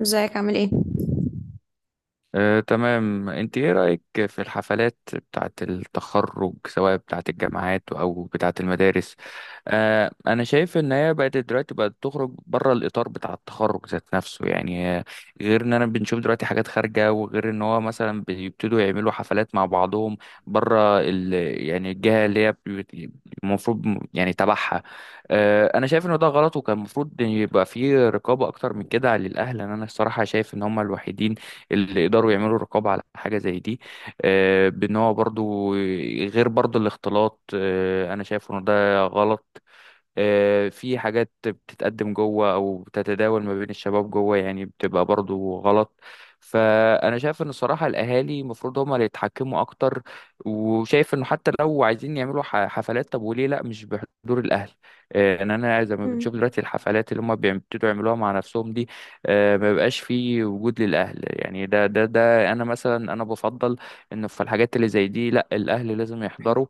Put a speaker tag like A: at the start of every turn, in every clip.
A: ازيك؟ عامل ايه؟
B: تمام، انت ايه رأيك في الحفلات بتاعة التخرج، سواء بتاعة الجامعات او بتاعة المدارس؟ انا شايف ان هي بقت دلوقتي بقت تخرج بره الاطار بتاع التخرج ذات نفسه، يعني غير ان انا بنشوف دلوقتي حاجات خارجة، وغير ان هو مثلا بيبتدوا يعملوا حفلات مع بعضهم بره يعني الجهة اللي هي المفروض يعني تبعها. انا شايف ان ده غلط، وكان المفروض يبقى فيه رقابة اكتر من كده للاهل. انا الصراحة شايف ان هم الوحيدين اللي يقدروا يعملوا رقابة على حاجة زي دي. بان هو برضو غير برضو الاختلاط، انا شايف ان ده غلط. في حاجات بتتقدم جوه او بتتداول ما بين الشباب جوه، يعني بتبقى برضو غلط. فانا شايف ان الصراحه الاهالي المفروض هم اللي يتحكموا اكتر، وشايف انه حتى لو عايزين يعملوا حفلات، طب وليه لا مش بحضور الاهل؟ ان انا زي ما
A: مم.
B: بنشوف دلوقتي الحفلات اللي هم بيبتدوا يعملوها مع نفسهم دي، ما بيبقاش في وجود للاهل. يعني ده انا مثلا انا بفضل انه في الحاجات اللي زي دي، لا، الاهل لازم يحضروا.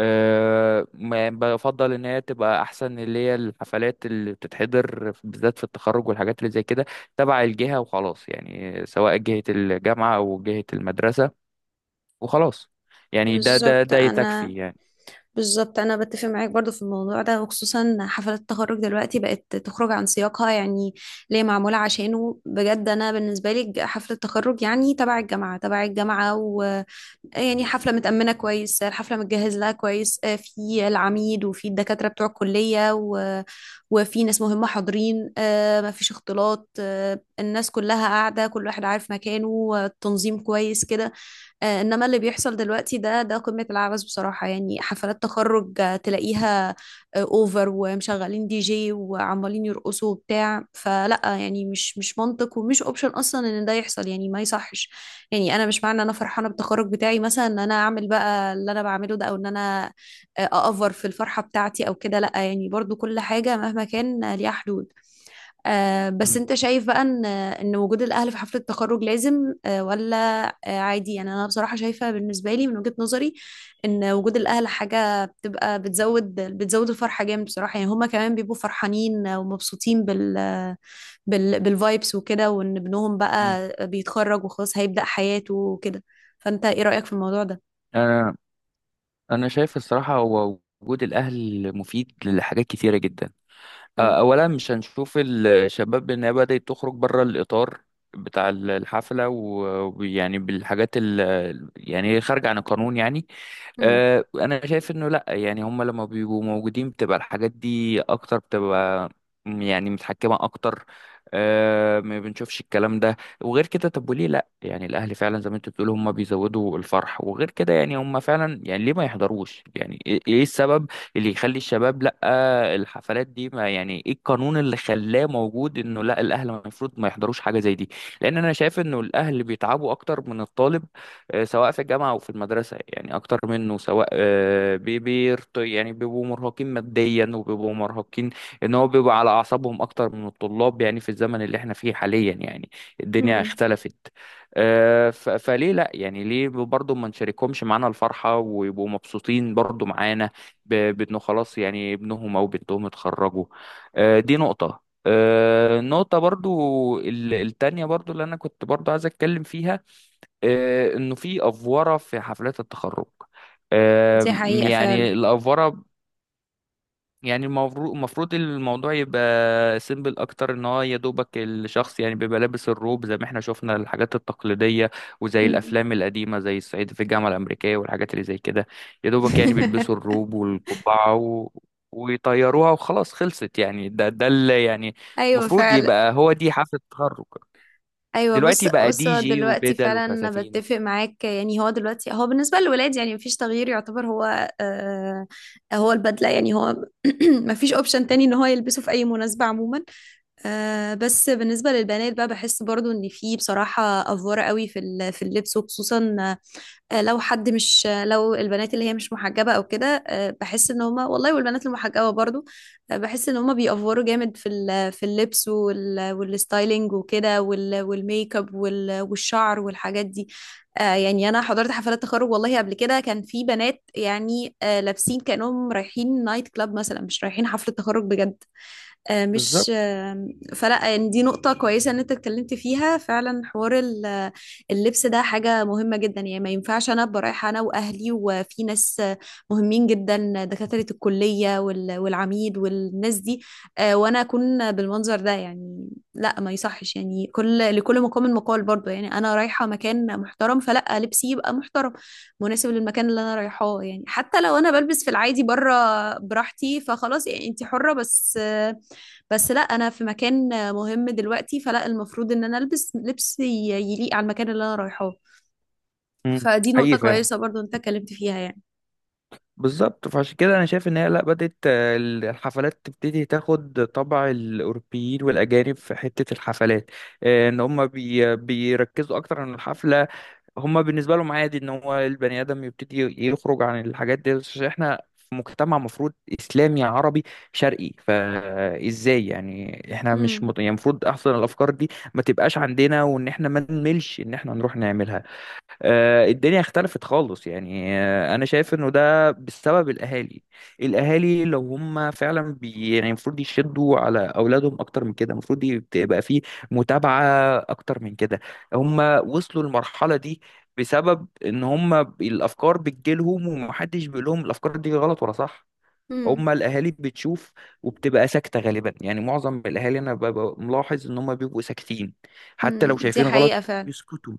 B: أه بفضل ان هي تبقى احسن، اللي هي الحفلات اللي بتتحضر بالذات في التخرج والحاجات اللي زي كده، تبع الجهة وخلاص، يعني سواء جهة الجامعة او جهة المدرسة، وخلاص. يعني ده ده
A: بالظبط
B: ده
A: انا
B: يتكفي يعني.
A: بالظبط انا بتفق معاك برضو في الموضوع ده، وخصوصا حفلات التخرج دلوقتي بقت تخرج عن سياقها، يعني ليه معموله عشانه بجد. انا بالنسبه لي حفله التخرج يعني تبع الجامعه ويعني حفله متامنه كويس، الحفله متجهز لها كويس، في العميد وفي الدكاتره بتوع الكليه وفي ناس مهمه حاضرين، مفيش اختلاط، الناس كلها قاعده كل واحد عارف مكانه، التنظيم كويس كده. انما اللي بيحصل دلوقتي ده قمة العبث بصراحة، يعني حفلات تخرج تلاقيها اوفر، ومشغلين دي جي، وعمالين يرقصوا وبتاع، فلا يعني مش منطق ومش اوبشن اصلا ان ده يحصل، يعني ما يصحش. يعني انا مش معنى ان انا فرحانة بالتخرج بتاعي مثلا ان انا اعمل بقى اللي انا بعمله ده، او ان انا اأفر في الفرحة بتاعتي او كده، لا، يعني برضو كل حاجة مهما كان ليها حدود. بس
B: م-
A: انت شايف بقى ان وجود الاهل في حفله التخرج لازم ولا عادي؟ يعني انا بصراحه شايفه بالنسبه لي من وجهه نظري ان وجود الاهل حاجه بتبقى بتزود الفرحه جامد بصراحه، يعني هما كمان بيبقوا فرحانين ومبسوطين بالفايبس وكده، وان ابنهم
B: م.
A: بقى بيتخرج وخلاص هيبدا حياته وكده. فانت ايه رايك في الموضوع ده؟
B: انا انا شايف الصراحة هو وجود الاهل مفيد لحاجات كتيرة جدا. اولا، مش هنشوف الشباب انها بدأت تخرج بره الاطار بتاع الحفلة ويعني بالحاجات ال يعني خارجة عن القانون يعني.
A: امم.
B: انا شايف انه لا، يعني هم لما بيبقوا موجودين بتبقى الحاجات دي اكتر، بتبقى يعني متحكمة اكتر. ما بنشوفش الكلام ده. وغير كده، طب وليه لا؟ يعني الاهل فعلا زي ما انت بتقول هم بيزودوا الفرح، وغير كده يعني هم فعلا يعني ليه ما يحضروش؟ يعني ايه إيه السبب اللي يخلي الشباب لا الحفلات دي ما يعني ايه القانون اللي خلاه موجود انه لا الاهل المفروض ما يحضروش حاجه زي دي؟ لان انا شايف انه الاهل بيتعبوا اكتر من الطالب، سواء في الجامعه او في المدرسه، يعني اكتر منه، سواء بيرت يعني، بيبقوا مرهقين ماديا وبيبقوا مرهقين، ان هو بيبقى على اعصابهم اكتر من الطلاب، يعني في الزمن اللي احنا فيه حاليا يعني الدنيا
A: امم.
B: اختلفت. فليه لا يعني؟ ليه برضه ما نشاركهمش معانا الفرحه ويبقوا مبسوطين برضه معانا، بانه خلاص يعني ابنهم او بنتهم اتخرجوا. دي نقطة. النقطة برضو التانية برضو اللي انا كنت برضو عايز اتكلم فيها انه في افورة في حفلات التخرج.
A: دي حقيقه
B: يعني
A: فعلا.
B: الافورة يعني، المفروض الموضوع يبقى سيمبل اكتر، ان هو يا دوبك الشخص يعني بيبقى لابس الروب زي ما احنا شفنا الحاجات التقليديه، وزي
A: امم.
B: الافلام القديمه، زي الصعيدي في الجامعه الامريكيه والحاجات اللي زي كده. يا دوبك يعني بيلبسوا الروب والقبعه ويطيروها وخلاص، خلصت يعني. ده اللي يعني
A: ايوه
B: المفروض
A: فعلا.
B: يبقى هو دي حفله التخرج.
A: ايوه، بص
B: دلوقتي بقى
A: بص
B: دي
A: هو
B: جي
A: دلوقتي
B: وبدل
A: فعلا انا
B: وفساتين.
A: بتفق معاك، يعني هو دلوقتي هو بالنسبه للولاد يعني مفيش تغيير يعتبر هو. هو البدله يعني هو. مفيش اوبشن تاني ان هو يلبسه في اي مناسبه عموما. بس بالنسبه للبنات بقى بحس برضو ان في بصراحه افوره قوي في اللبس، وخصوصا لو حد مش لو البنات اللي هي مش محجبة او كده، بحس ان هما والله، والبنات المحجبة برضو بحس ان هما بيأفوروا جامد في اللبس والستايلينج وكده والميك اب والشعر والحاجات دي. يعني انا حضرت حفلات تخرج والله قبل كده كان في بنات يعني لابسين كأنهم رايحين نايت كلاب مثلا، مش رايحين حفلة تخرج بجد. آه، مش
B: بالظبط.
A: آه، فلا يعني، دي نقطة كويسة ان انت اتكلمت فيها فعلا. حوار اللبس ده حاجة مهمة جدا، يعني ما ينفعش انا ابقى رايحة انا واهلي وفي ناس مهمين جدا، دكاترة الكلية والعميد والناس دي، وانا اكون بالمنظر ده يعني، لا ما يصحش. يعني لكل مقام مقال برضه، يعني انا رايحة مكان محترم فلا لبسي يبقى محترم مناسب للمكان اللي انا رايحاه. يعني حتى لو انا بلبس في العادي بره براحتي فخلاص، يعني انت حرة، بس بس لا، انا في مكان مهم دلوقتي فلا المفروض ان انا البس لبس يليق على المكان اللي انا رايحاه.
B: مم.
A: فدي نقطة
B: حقيقي فعلا.
A: كويسة برضو انت اتكلمت فيها يعني.
B: بالظبط. فعشان كده انا شايف ان هي لا، بدات الحفلات تبتدي تاخد طبع الاوروبيين والاجانب في حته الحفلات، ان هم بيركزوا اكتر عن الحفله. هم بالنسبه لهم عادي ان هو البني ادم يبتدي يخرج عن الحاجات دي، عشان احنا في مجتمع مفروض اسلامي عربي شرقي. فازاي يعني احنا مش
A: امم.
B: يعني المفروض احسن الافكار دي ما تبقاش عندنا، وان احنا ما نملش ان احنا نروح نعملها. الدنيا اختلفت خالص يعني. انا شايف انه ده بسبب الاهالي. الاهالي لو هم فعلا بي يعني المفروض يشدوا على اولادهم اكتر من كده، المفروض يبقى فيه متابعة اكتر من كده. هم وصلوا للمرحلة دي بسبب ان هم الافكار بتجيلهم، ومحدش بيقول لهم الافكار دي غلط ولا صح.
A: امم.
B: هم الاهالي بتشوف وبتبقى ساكتة غالبا، يعني معظم الاهالي انا ببقى ملاحظ ان هم بيبقوا ساكتين، حتى لو
A: امم. دي
B: شايفين
A: حقيقة
B: غلط
A: فعلا.
B: بيسكتوا.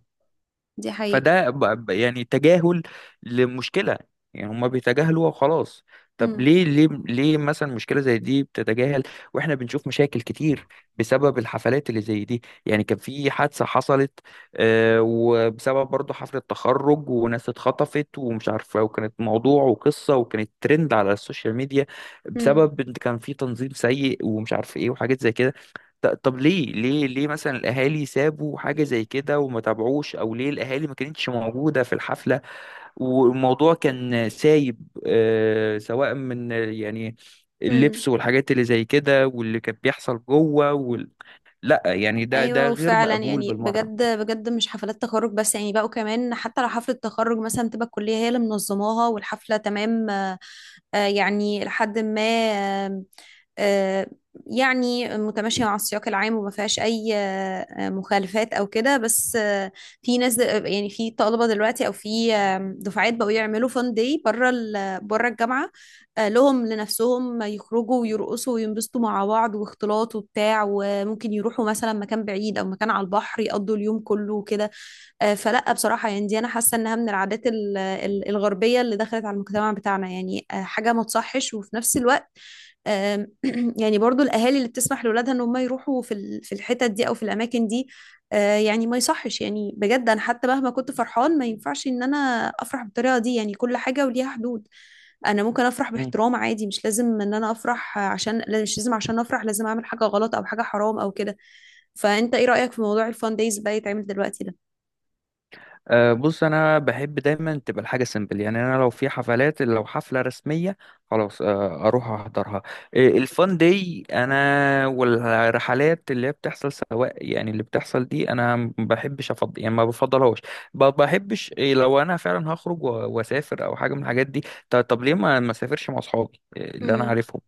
A: دي حقيقة.
B: فده يعني تجاهل لمشكلة. يعني هما بيتجاهلوها وخلاص. طب
A: امم.
B: ليه، ليه مثلا مشكلة زي دي بتتجاهل؟ واحنا بنشوف مشاكل كتير بسبب الحفلات اللي زي دي. يعني كان في حادثة حصلت، وبسبب برضه حفلة تخرج، وناس اتخطفت ومش عارفة، وكانت موضوع وقصة وكانت ترند على السوشيال ميديا بسبب إن كان في تنظيم سيء، ومش عارف ايه وحاجات زي كده. طب ليه، ليه مثلا الاهالي سابوا حاجه زي كده وما تابعوش؟ او ليه الاهالي ما كانتش موجوده في الحفله والموضوع كان سايب سواء من يعني
A: امم.
B: اللبس والحاجات اللي زي كده، واللي كان بيحصل جوه لا يعني ده
A: ايوه
B: غير
A: وفعلا،
B: مقبول
A: يعني
B: بالمره.
A: بجد بجد مش حفلات تخرج بس، يعني بقوا كمان حتى لو حفله تخرج مثلا تبقى الكليه هي اللي منظماها والحفله تمام، يعني لحد ما آه، يعني متماشيه مع السياق العام وما فيهاش اي مخالفات او كده، بس في ناس يعني في طلبه دلوقتي او في دفعات بقوا يعملوا فان داي بره الجامعه لهم لنفسهم، يخرجوا ويرقصوا وينبسطوا مع بعض واختلاط وبتاع، وممكن يروحوا مثلا مكان بعيد او مكان على البحر يقضوا اليوم كله وكده. فلا بصراحة، يعني دي انا حاسة انها من العادات الغربية اللي دخلت على المجتمع بتاعنا، يعني حاجة ما تصحش، وفي نفس الوقت آم، يعني برضو الاهالي اللي بتسمح لاولادها ان هم يروحوا في الحتت دي او في الاماكن دي، يعني ما يصحش، يعني بجد انا حتى مهما كنت فرحان ما ينفعش ان انا افرح بالطريقة دي. يعني كل حاجة وليها حدود، انا ممكن افرح
B: إمم.
A: باحترام عادي، مش لازم ان انا افرح عشان لا، مش لازم عشان افرح لازم اعمل حاجه غلط او حاجه حرام او كده. فانت ايه رايك في موضوع الفان دايز بقى يتعمل دلوقتي ده؟
B: أه بص، انا بحب دايما تبقى الحاجه سيمبل. يعني انا لو في حفلات، لو حفله رسميه، خلاص اروح احضرها. الفان دي انا، والرحلات اللي هي بتحصل، سواء يعني اللي بتحصل دي، انا ما بحبش افضل يعني ما بفضلهاش. بحبش إيه، لو انا فعلا هخرج واسافر او حاجه من الحاجات دي، طب ليه ما اسافرش مع اصحابي، اللي انا
A: امم.
B: عارفهم،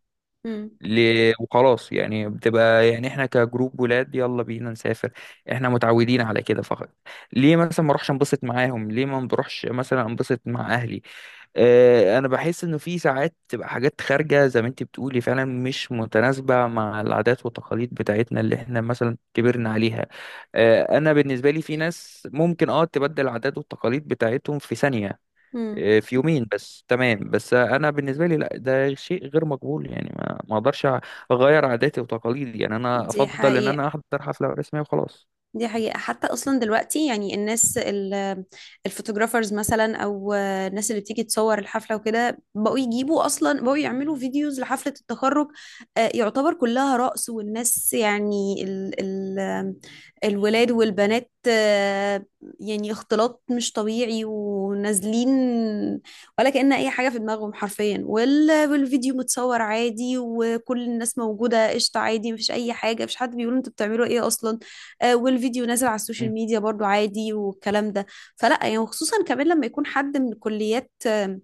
B: وخلاص؟ يعني بتبقى يعني احنا كجروب ولاد يلا بينا نسافر، احنا متعودين على كده فقط. ليه مثلا ما اروحش انبسط معاهم؟ ليه ما بروحش مثلا انبسط مع اهلي؟ اه انا بحس انه في ساعات تبقى حاجات خارجة، زي ما انت بتقولي فعلا، مش متناسبة مع العادات والتقاليد بتاعتنا اللي احنا مثلا كبرنا عليها. اه انا بالنسبة لي في ناس ممكن اه تبدل العادات والتقاليد بتاعتهم في ثانية،
A: امم.
B: إيه، في يومين بس، تمام. بس انا بالنسبه لي لا، ده شيء غير مقبول. يعني ما اقدرش اغير عاداتي وتقاليدي. يعني انا
A: دي
B: افضل ان
A: حقيقة.
B: انا احضر حفله رسميه وخلاص.
A: دي حقيقة. حتى أصلا دلوقتي يعني الناس الفوتوغرافرز مثلا أو الناس اللي بتيجي تصور الحفلة وكده بقوا يجيبوا أصلا، بقوا يعملوا فيديوز لحفلة التخرج يعتبر كلها رقص، والناس يعني ال ال الولاد والبنات يعني اختلاط مش طبيعي، ونازلين ولا كأن أي حاجة في دماغهم حرفيا، والفيديو متصور عادي وكل الناس موجودة قشطة عادي، مفيش أي حاجة، مفيش حد بيقول انتوا بتعملوا ايه أصلا، والفيديو نازل على السوشيال
B: مم.
A: ميديا برضو عادي والكلام ده. فلا يعني، وخصوصا كمان لما يكون حد من كليات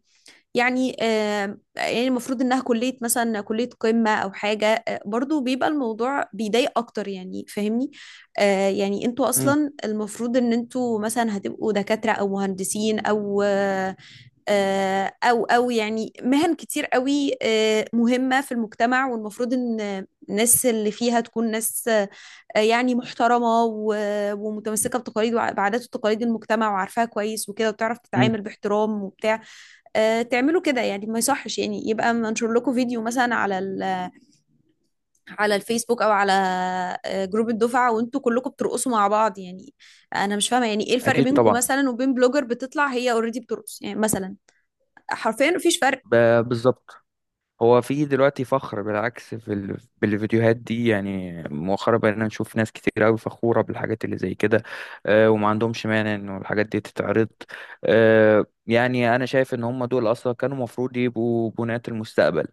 A: يعني يعني المفروض انها كلية مثلا كلية قمة او حاجة، برضو بيبقى الموضوع بيضايق اكتر يعني، فاهمني؟ يعني انتوا
B: مم.
A: اصلا المفروض ان انتوا مثلا هتبقوا دكاترة او مهندسين او يعني مهن كتير قوي مهمة في المجتمع، والمفروض ان الناس اللي فيها تكون ناس يعني محترمة ومتمسكة بتقاليد بعادات وتقاليد المجتمع وعارفاها كويس وكده، وبتعرف
B: مم.
A: تتعامل باحترام وبتاع. تعملوا كده يعني ما يصحش، يعني يبقى منشر لكم فيديو مثلا على على الفيسبوك او على جروب الدفعة وانتوا كلكم بترقصوا مع بعض، يعني انا مش فاهمة يعني ايه الفرق
B: اكيد
A: بينكم
B: طبعا.
A: مثلا وبين بلوجر بتطلع هي اوريدي بترقص يعني مثلا؟ حرفيا مفيش فرق.
B: بالظبط. هو في دلوقتي فخر بالعكس بالفيديوهات دي. يعني مؤخرا بقينا نشوف ناس كتير قوي فخورة بالحاجات اللي زي كده، وما عندهمش مانع انه الحاجات دي تتعرض. يعني انا شايف ان هم دول اصلا كانوا مفروض يبقوا بناة المستقبل،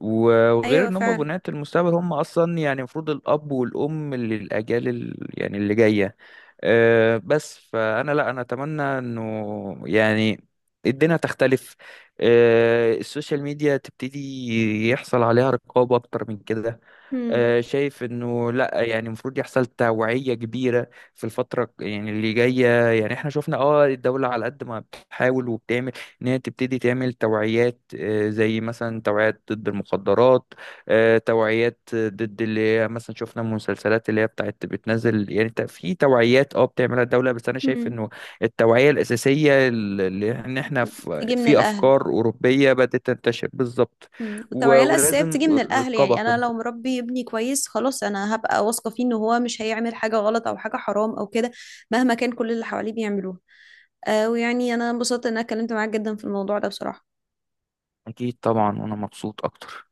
B: وغير
A: ايوه
B: ان هم
A: فعلا.
B: بناة المستقبل هم اصلا يعني المفروض الاب والام للاجيال يعني اللي جاية. بس فانا لا، انا اتمنى انه يعني الدنيا تختلف. السوشيال ميديا تبتدي يحصل عليها رقابة اكتر من كده.
A: مم.
B: شايف انه لا، يعني المفروض يحصل توعية كبيرة في الفترة يعني اللي جاية. يعني احنا شفنا اه الدولة على قد ما بتحاول وبتعمل ان هي تبتدي تعمل توعيات، زي مثلا توعيات ضد المخدرات، توعيات ضد اللي هي مثلا شفنا المسلسلات اللي هي بتاعت بتنزل يعني في توعيات اه بتعملها الدولة. بس انا شايف
A: مم.
B: انه التوعية الأساسية، اللي ان احنا في
A: تيجي من
B: في
A: الاهل.
B: افكار أوروبية بدأت تنتشر بالظبط،
A: مم. التوعية الأساسية
B: ولازم
A: بتيجي من الأهل،
B: رقابة
A: يعني أنا
B: كمان.
A: لو مربي ابني كويس خلاص أنا هبقى واثقة فيه إن هو مش هيعمل حاجة غلط أو حاجة حرام أو كده مهما كان كل اللي حواليه بيعملوها. ويعني أنا انبسطت إن أنا اتكلمت معاك جدا في الموضوع ده بصراحة.
B: أكيد طبعا، وأنا مبسوط أكتر.